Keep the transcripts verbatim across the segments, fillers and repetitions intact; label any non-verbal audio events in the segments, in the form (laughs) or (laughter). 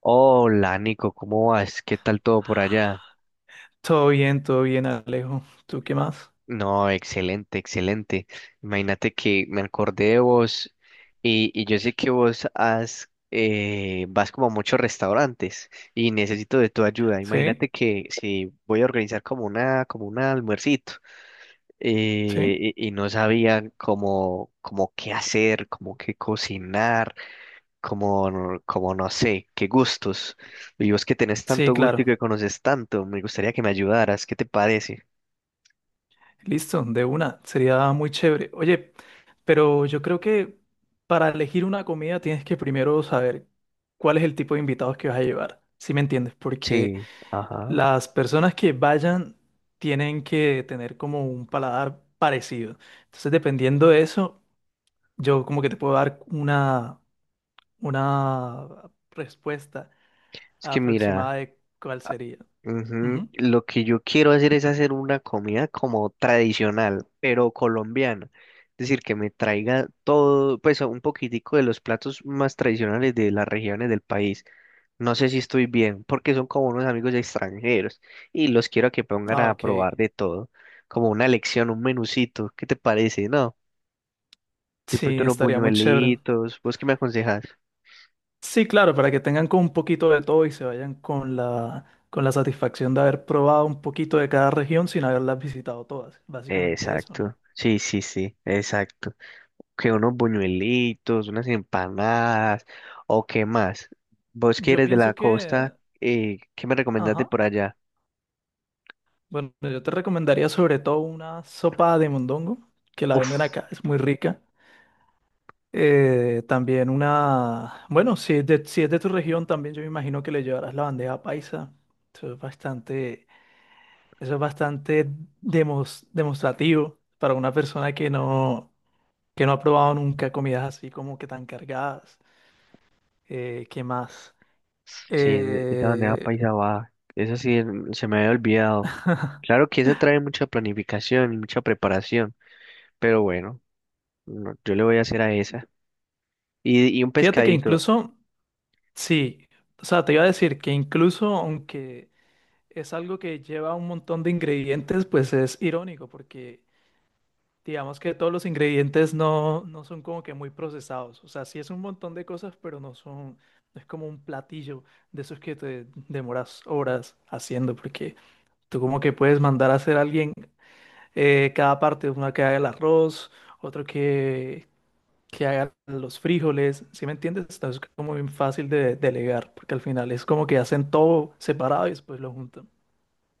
Hola Nico, ¿cómo vas? ¿Qué tal todo por allá? Todo bien, todo bien, Alejo. ¿Tú qué más? No, excelente, excelente. Imagínate que me acordé de vos y, y yo sé que vos has, eh, vas como a muchos restaurantes y necesito de tu ayuda. ¿Sí? Imagínate que si voy a organizar como una, como un almuercito, ¿Sí? eh, y, y no sabía cómo, cómo qué hacer, cómo qué cocinar. Como, no- como no sé, qué gustos. Y vos que tenés Sí, tanto gusto y claro. que conoces tanto, me gustaría que me ayudaras, ¿qué te parece? Listo, de una. Sería muy chévere. Oye, pero yo creo que para elegir una comida tienes que primero saber cuál es el tipo de invitados que vas a llevar. ¿Sí me entiendes? Porque Sí, ajá. las personas que vayan tienen que tener como un paladar parecido. Entonces, dependiendo de eso, yo como que te puedo dar una, una respuesta Es que aproximada mira, de cuál sería. ujú, Ujú. lo que yo quiero hacer es hacer una comida como tradicional, pero colombiana. Es decir, que me traiga todo, pues un poquitico de los platos más tradicionales de las regiones del país. No sé si estoy bien, porque son como unos amigos extranjeros y los quiero que pongan Ah, a ok. probar de todo, como una lección, un menucito. ¿Qué te parece? No, siempre tú Sí, unos estaría muy chévere. buñuelitos. ¿Vos qué me aconsejas? Sí, claro, para que tengan con un poquito de todo y se vayan con la, con la satisfacción de haber probado un poquito de cada región sin haberlas visitado todas. Básicamente eso, ¿no? Exacto. Sí, sí, sí, exacto. Que unos buñuelitos, unas empanadas, o qué más. ¿Vos Yo quieres de la pienso que, costa? Eh, ¿qué me recomendás de ajá. por allá? Bueno, yo te recomendaría sobre todo una sopa de mondongo, que la venden Uf. acá, es muy rica. Eh, también una, bueno, si es de, si es de tu región, también yo me imagino que le llevarás la bandeja paisa. Eso es bastante Eso es bastante demos- demostrativo para una persona que no, que no ha probado nunca comidas así como que tan cargadas. Eh, ¿qué más? Sí, de- esa bandeja Eh, paisa va. Eso sí en- se me había olvidado. Claro que esa trae mucha planificación y mucha preparación, pero bueno, no, yo le voy a hacer a esa. Y, y un fíjate que pescadito. incluso, sí, o sea, te iba a decir que incluso aunque es algo que lleva un montón de ingredientes, pues es irónico porque digamos que todos los ingredientes no, no son como que muy procesados. O sea, sí es un montón de cosas, pero no son, no es como un platillo de esos que te demoras horas haciendo, porque tú como que puedes mandar a hacer a alguien eh, cada parte, uno que haga el arroz, otro que, que haga los frijoles. ¿Sí me entiendes? Entonces es como bien fácil de delegar, porque al final es como que hacen todo separado y después lo juntan.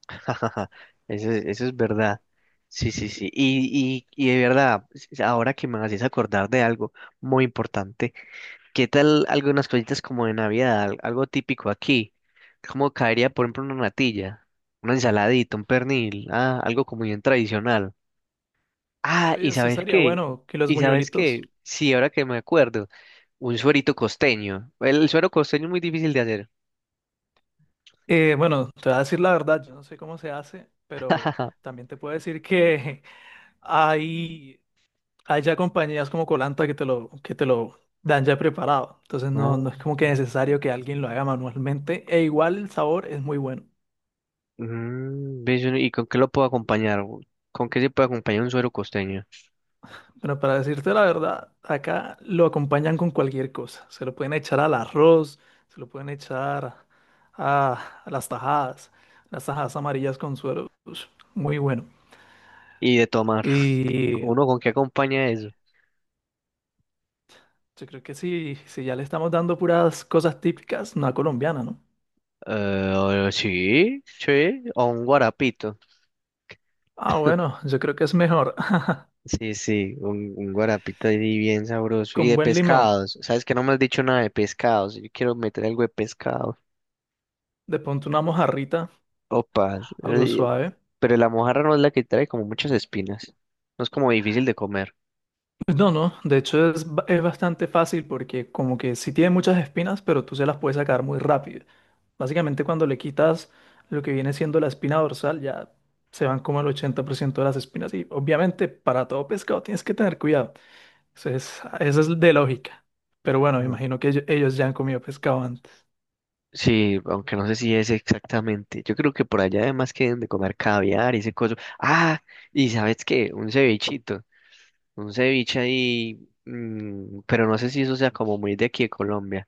(laughs) Eso, es- eso es verdad. Sí, sí, sí. Y, y, y de verdad, s- ahora que me haces acordar de algo muy importante, ¿qué tal algunas cositas como de Navidad? Al- Algo típico aquí. Como caería, por ejemplo, una natilla, una ensaladita, un pernil, ah, algo como bien tradicional. Ah, Oye, ¿y eso sabes sería qué? bueno que los ¿Y sabes buñuelitos. qué? Sí, ahora que me acuerdo, un suerito costeño. El, el suero costeño es muy difícil de hacer. Eh, bueno, te voy a decir la verdad, yo no sé cómo se hace, pero (laughs) también te puedo decir que (laughs) hay, hay ya compañías como Colanta que te lo, que te lo dan ya preparado. Entonces no, no es Oh. como que necesario que alguien lo haga manualmente. E igual el sabor es muy bueno. Mm, ¿ves? ¿Y con qué lo puedo acompañar? ¿Con qué se puede acompañar un suero costeño? Bueno, para decirte la verdad, acá lo acompañan con cualquier cosa. Se lo pueden echar al arroz, se lo pueden echar a, a las tajadas, las tajadas amarillas con suero. Ush, muy bueno. Y de tomar. (laughs) Y ¿Uno con qué acompaña eso? yo creo que sí, si ya le estamos dando puras cosas típicas, una colombiana, ¿no? Eh, sí, sí, o un guarapito. Ah, bueno, yo creo que es mejor. Sí, sí, un, un guarapito ahí bien (laughs) sabroso. Y Con de buen limón, pescados. ¿Sabes que no me has dicho nada de pescados? Yo quiero meter algo de pescado. de pronto una mojarrita, Opa, algo eh, suave. pero la mojarra no es la que trae como muchas espinas. No es como difícil de comer. Pues no, no, de hecho es, ba- es bastante fácil porque como que sí tiene muchas espinas, pero tú se las puedes sacar muy rápido. Básicamente cuando le quitas lo que viene siendo la espina dorsal, ya se van como el ochenta por ciento de las espinas. Y obviamente para todo pescado tienes que tener cuidado. Eso es, eso es de lógica. Pero bueno, me Ajá. imagino que ello- ellos ya han comido pescado antes. Sí, aunque no sé si es exactamente. Yo creo que por allá además que deben de comer caviar y ese coso. Ah, ¿y sabes qué? Un cevichito. Un ceviche ahí. Mm, pero no sé si eso sea como muy de aquí de Colombia.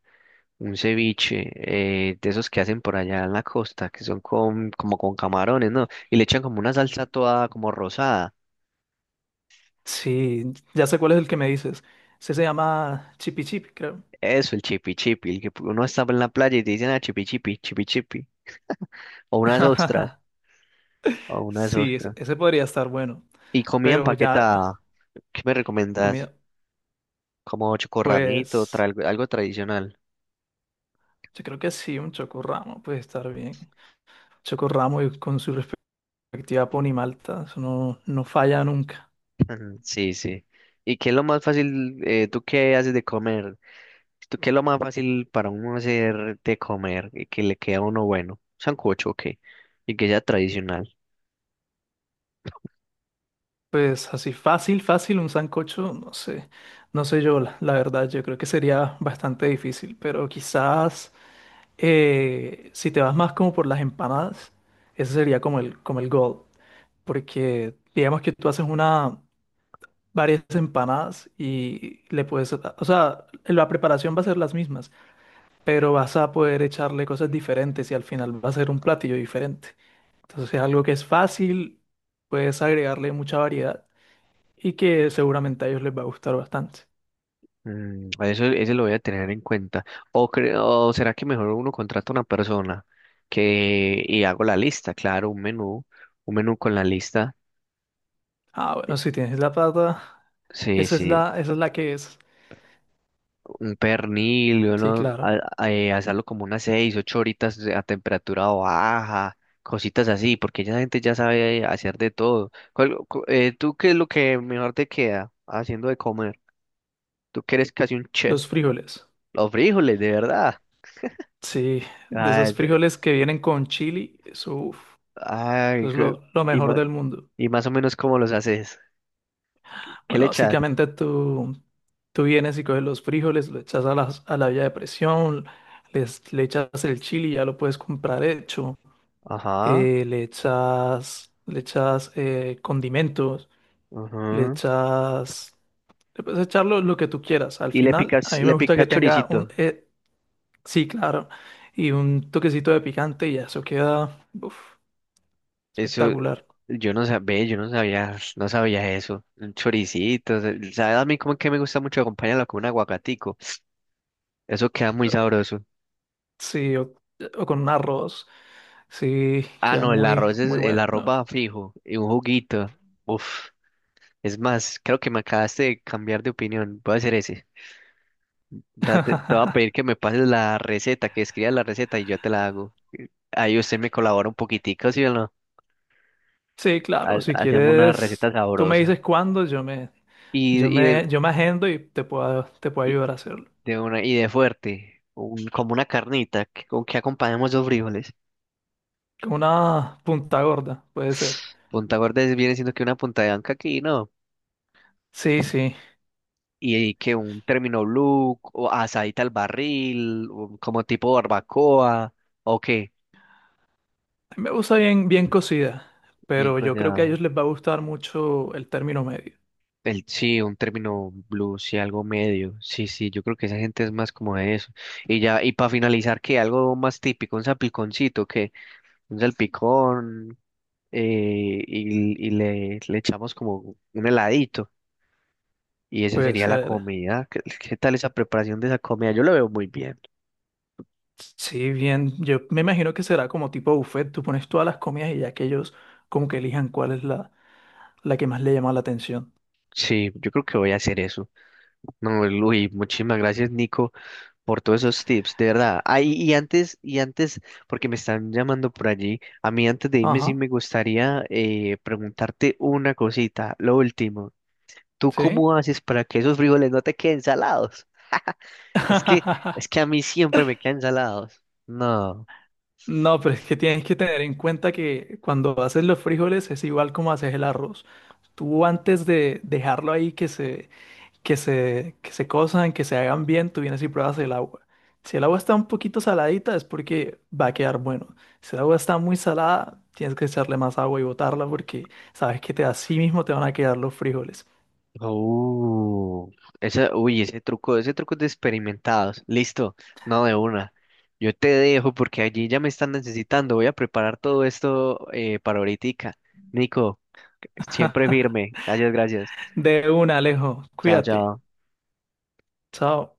Un ceviche, eh, de esos que hacen por allá en la costa, que son con, como con camarones, ¿no? Y le echan como una salsa toda como rosada. Sí, ya sé cuál es el que me dices. Ese se llama Chipi Chip, creo. Eso, el chipi chipi, el que uno está en la playa y te dicen, ah, chipi chipi, chipi chipi. O una ostra, (laughs) o una Sí, ese ostra. ese podría estar bueno. Y comida Pero ya, empaquetada, ¿qué me recomiendas? comida, Como chocorramito, tra- pues algo, algo tradicional. yo creo que sí, un chocorramo puede estar bien. Chocorramo y con su respectiva ponimalta, eso no, no falla nunca. (laughs) Ujú, sí, sí. ¿Y qué es lo más fácil, eh, tú qué haces de comer? ¿Tú qué es lo más fácil para uno hacer de comer y que le queda a uno bueno? Sancocho, ok. Y que sea tradicional. Pues así fácil, fácil, un sancocho, no sé, no sé yo, la, la verdad, yo creo que sería bastante difícil, pero quizás. Eh, si te vas más como por las empanadas, ese sería como el, como el goal, porque digamos que tú haces una, varias empanadas y le puedes, o sea, la preparación va a ser las mismas, pero vas a poder echarle cosas diferentes y al final va a ser un platillo diferente. Entonces es algo que es fácil, puedes agregarle mucha variedad y que seguramente a ellos les va a gustar bastante. Mm, eso, ese lo voy a tener en cuenta. O, cre- o será que mejor uno contrata a una persona que y hago la lista, claro, un menú, un menú con la lista. Ah, bueno, si tienes la plata, Sí, esa es sí, la, esa es la que es. un pernil, Sí, uno, a- claro, a- eh, hacerlo como unas seis, ocho horitas a temperatura baja, cositas así, porque ya la gente ya sabe hacer de todo. ¿Cuál- cu- eh, ¿tú qué es lo que mejor te queda haciendo de comer? Tú que eres casi un chef. los frijoles. Los frijoles, de verdad. Sí, de esos frijoles que vienen con chili, eso, uf, Ay, eso es qué- lo, lo y, mejor ma- del mundo. y más o menos cómo los haces. ¿Qué le Bueno, echas? básicamente tú, tú vienes y coges los frijoles, lo echas a la, a la olla de presión, les, le echas el chili, ya lo puedes comprar hecho, Ajá, eh, le echas, le echas eh, condimentos, le ajá. echas, le puedes echar lo, lo que tú quieras. Al Y le final, picas, a mí me le gusta picas que tenga choricito. un, eh, sí, claro, y un toquecito de picante y ya, eso queda, uf, Eso, espectacular. yo no sabía, yo no sabía, no sabía eso. Un choricito. ¿O sabes? A mí como que me gusta mucho acompañarlo con un aguacatico. Eso queda muy sabroso. Sí, o, o con arroz. Sí, Ah, queda no, el muy, arroz es, muy el bueno. arroz va fijo y un juguito. Uf, es más, creo que me acabaste de cambiar de opinión. Voy a hacer ese. Ra- Te te voy a (laughs) pedir que me pases la receta, que escribas la receta y yo te la hago. Ahí usted me colabora un poquitico, ¿sí o no? Sí, claro, Ha- si Hacemos una quieres, receta tú me sabrosa. dices cuándo, yo me, Y, yo y de, me, yo me agendo y te puedo, te puedo y ayudar a hacerlo. de una, y de fuerte, un- como una carnita, que- con que acompañamos dos frijoles. Con una punta gorda, puede ser. (sniffs) Punta gorda es- viene siendo que una punta de anca aquí, ¿no? Sí, sí. Y que un término blue, o asadita al barril, o como tipo barbacoa, o qué, A mí me gusta bien, bien cocida, bien pero yo creo que a cocinada. ellos les va a gustar mucho el término medio. El, sí, un término blues, sí, algo medio. Sí, sí, yo creo que esa gente es más como de eso. Y ya, y para finalizar, ¿qué? Algo más típico, un salpiconcito, que un salpicón, eh, y, y le, le echamos como un heladito. Y esa Puede sería la ser. comida. ¿Qué, qué tal esa preparación de esa comida? Yo lo veo muy bien. Sí, bien. Yo me imagino que será como tipo buffet. Tú pones todas las comidas y ya que ellos como que elijan cuál es la, la que más le llama la atención. Sí, yo creo que voy a hacer eso. No, Luis, muchísimas gracias, Nico, por todos esos tips, de verdad. Ay, y antes, y antes, porque me están llamando por allí, a mí antes de irme sí Ajá, me gustaría eh, preguntarte una cosita, lo último. ¿Tú sí. cómo haces para que esos frijoles no te queden salados? Es que, es que (laughs) a mí siempre me quedan salados. No. No, pero es que tienes que tener en cuenta que cuando haces los frijoles es igual como haces el arroz. Tú antes de dejarlo ahí que se, que se, que se cosan que se hagan bien, tú vienes y pruebas el agua. Si el agua está un poquito saladita es porque va a quedar bueno. Si el agua está muy salada, tienes que echarle más agua y botarla porque sabes que te, así mismo te van a quedar los frijoles. Uh, esa, uy, ese truco, ese truco es de experimentados. Listo, no de una. Yo te dejo porque allí ya me están necesitando. Voy a preparar todo esto, eh, para ahoritica. Nico. Siempre firme. Gracias, gracias. (laughs) De una, Alejo. Chao, Cuídate. chao. Chao.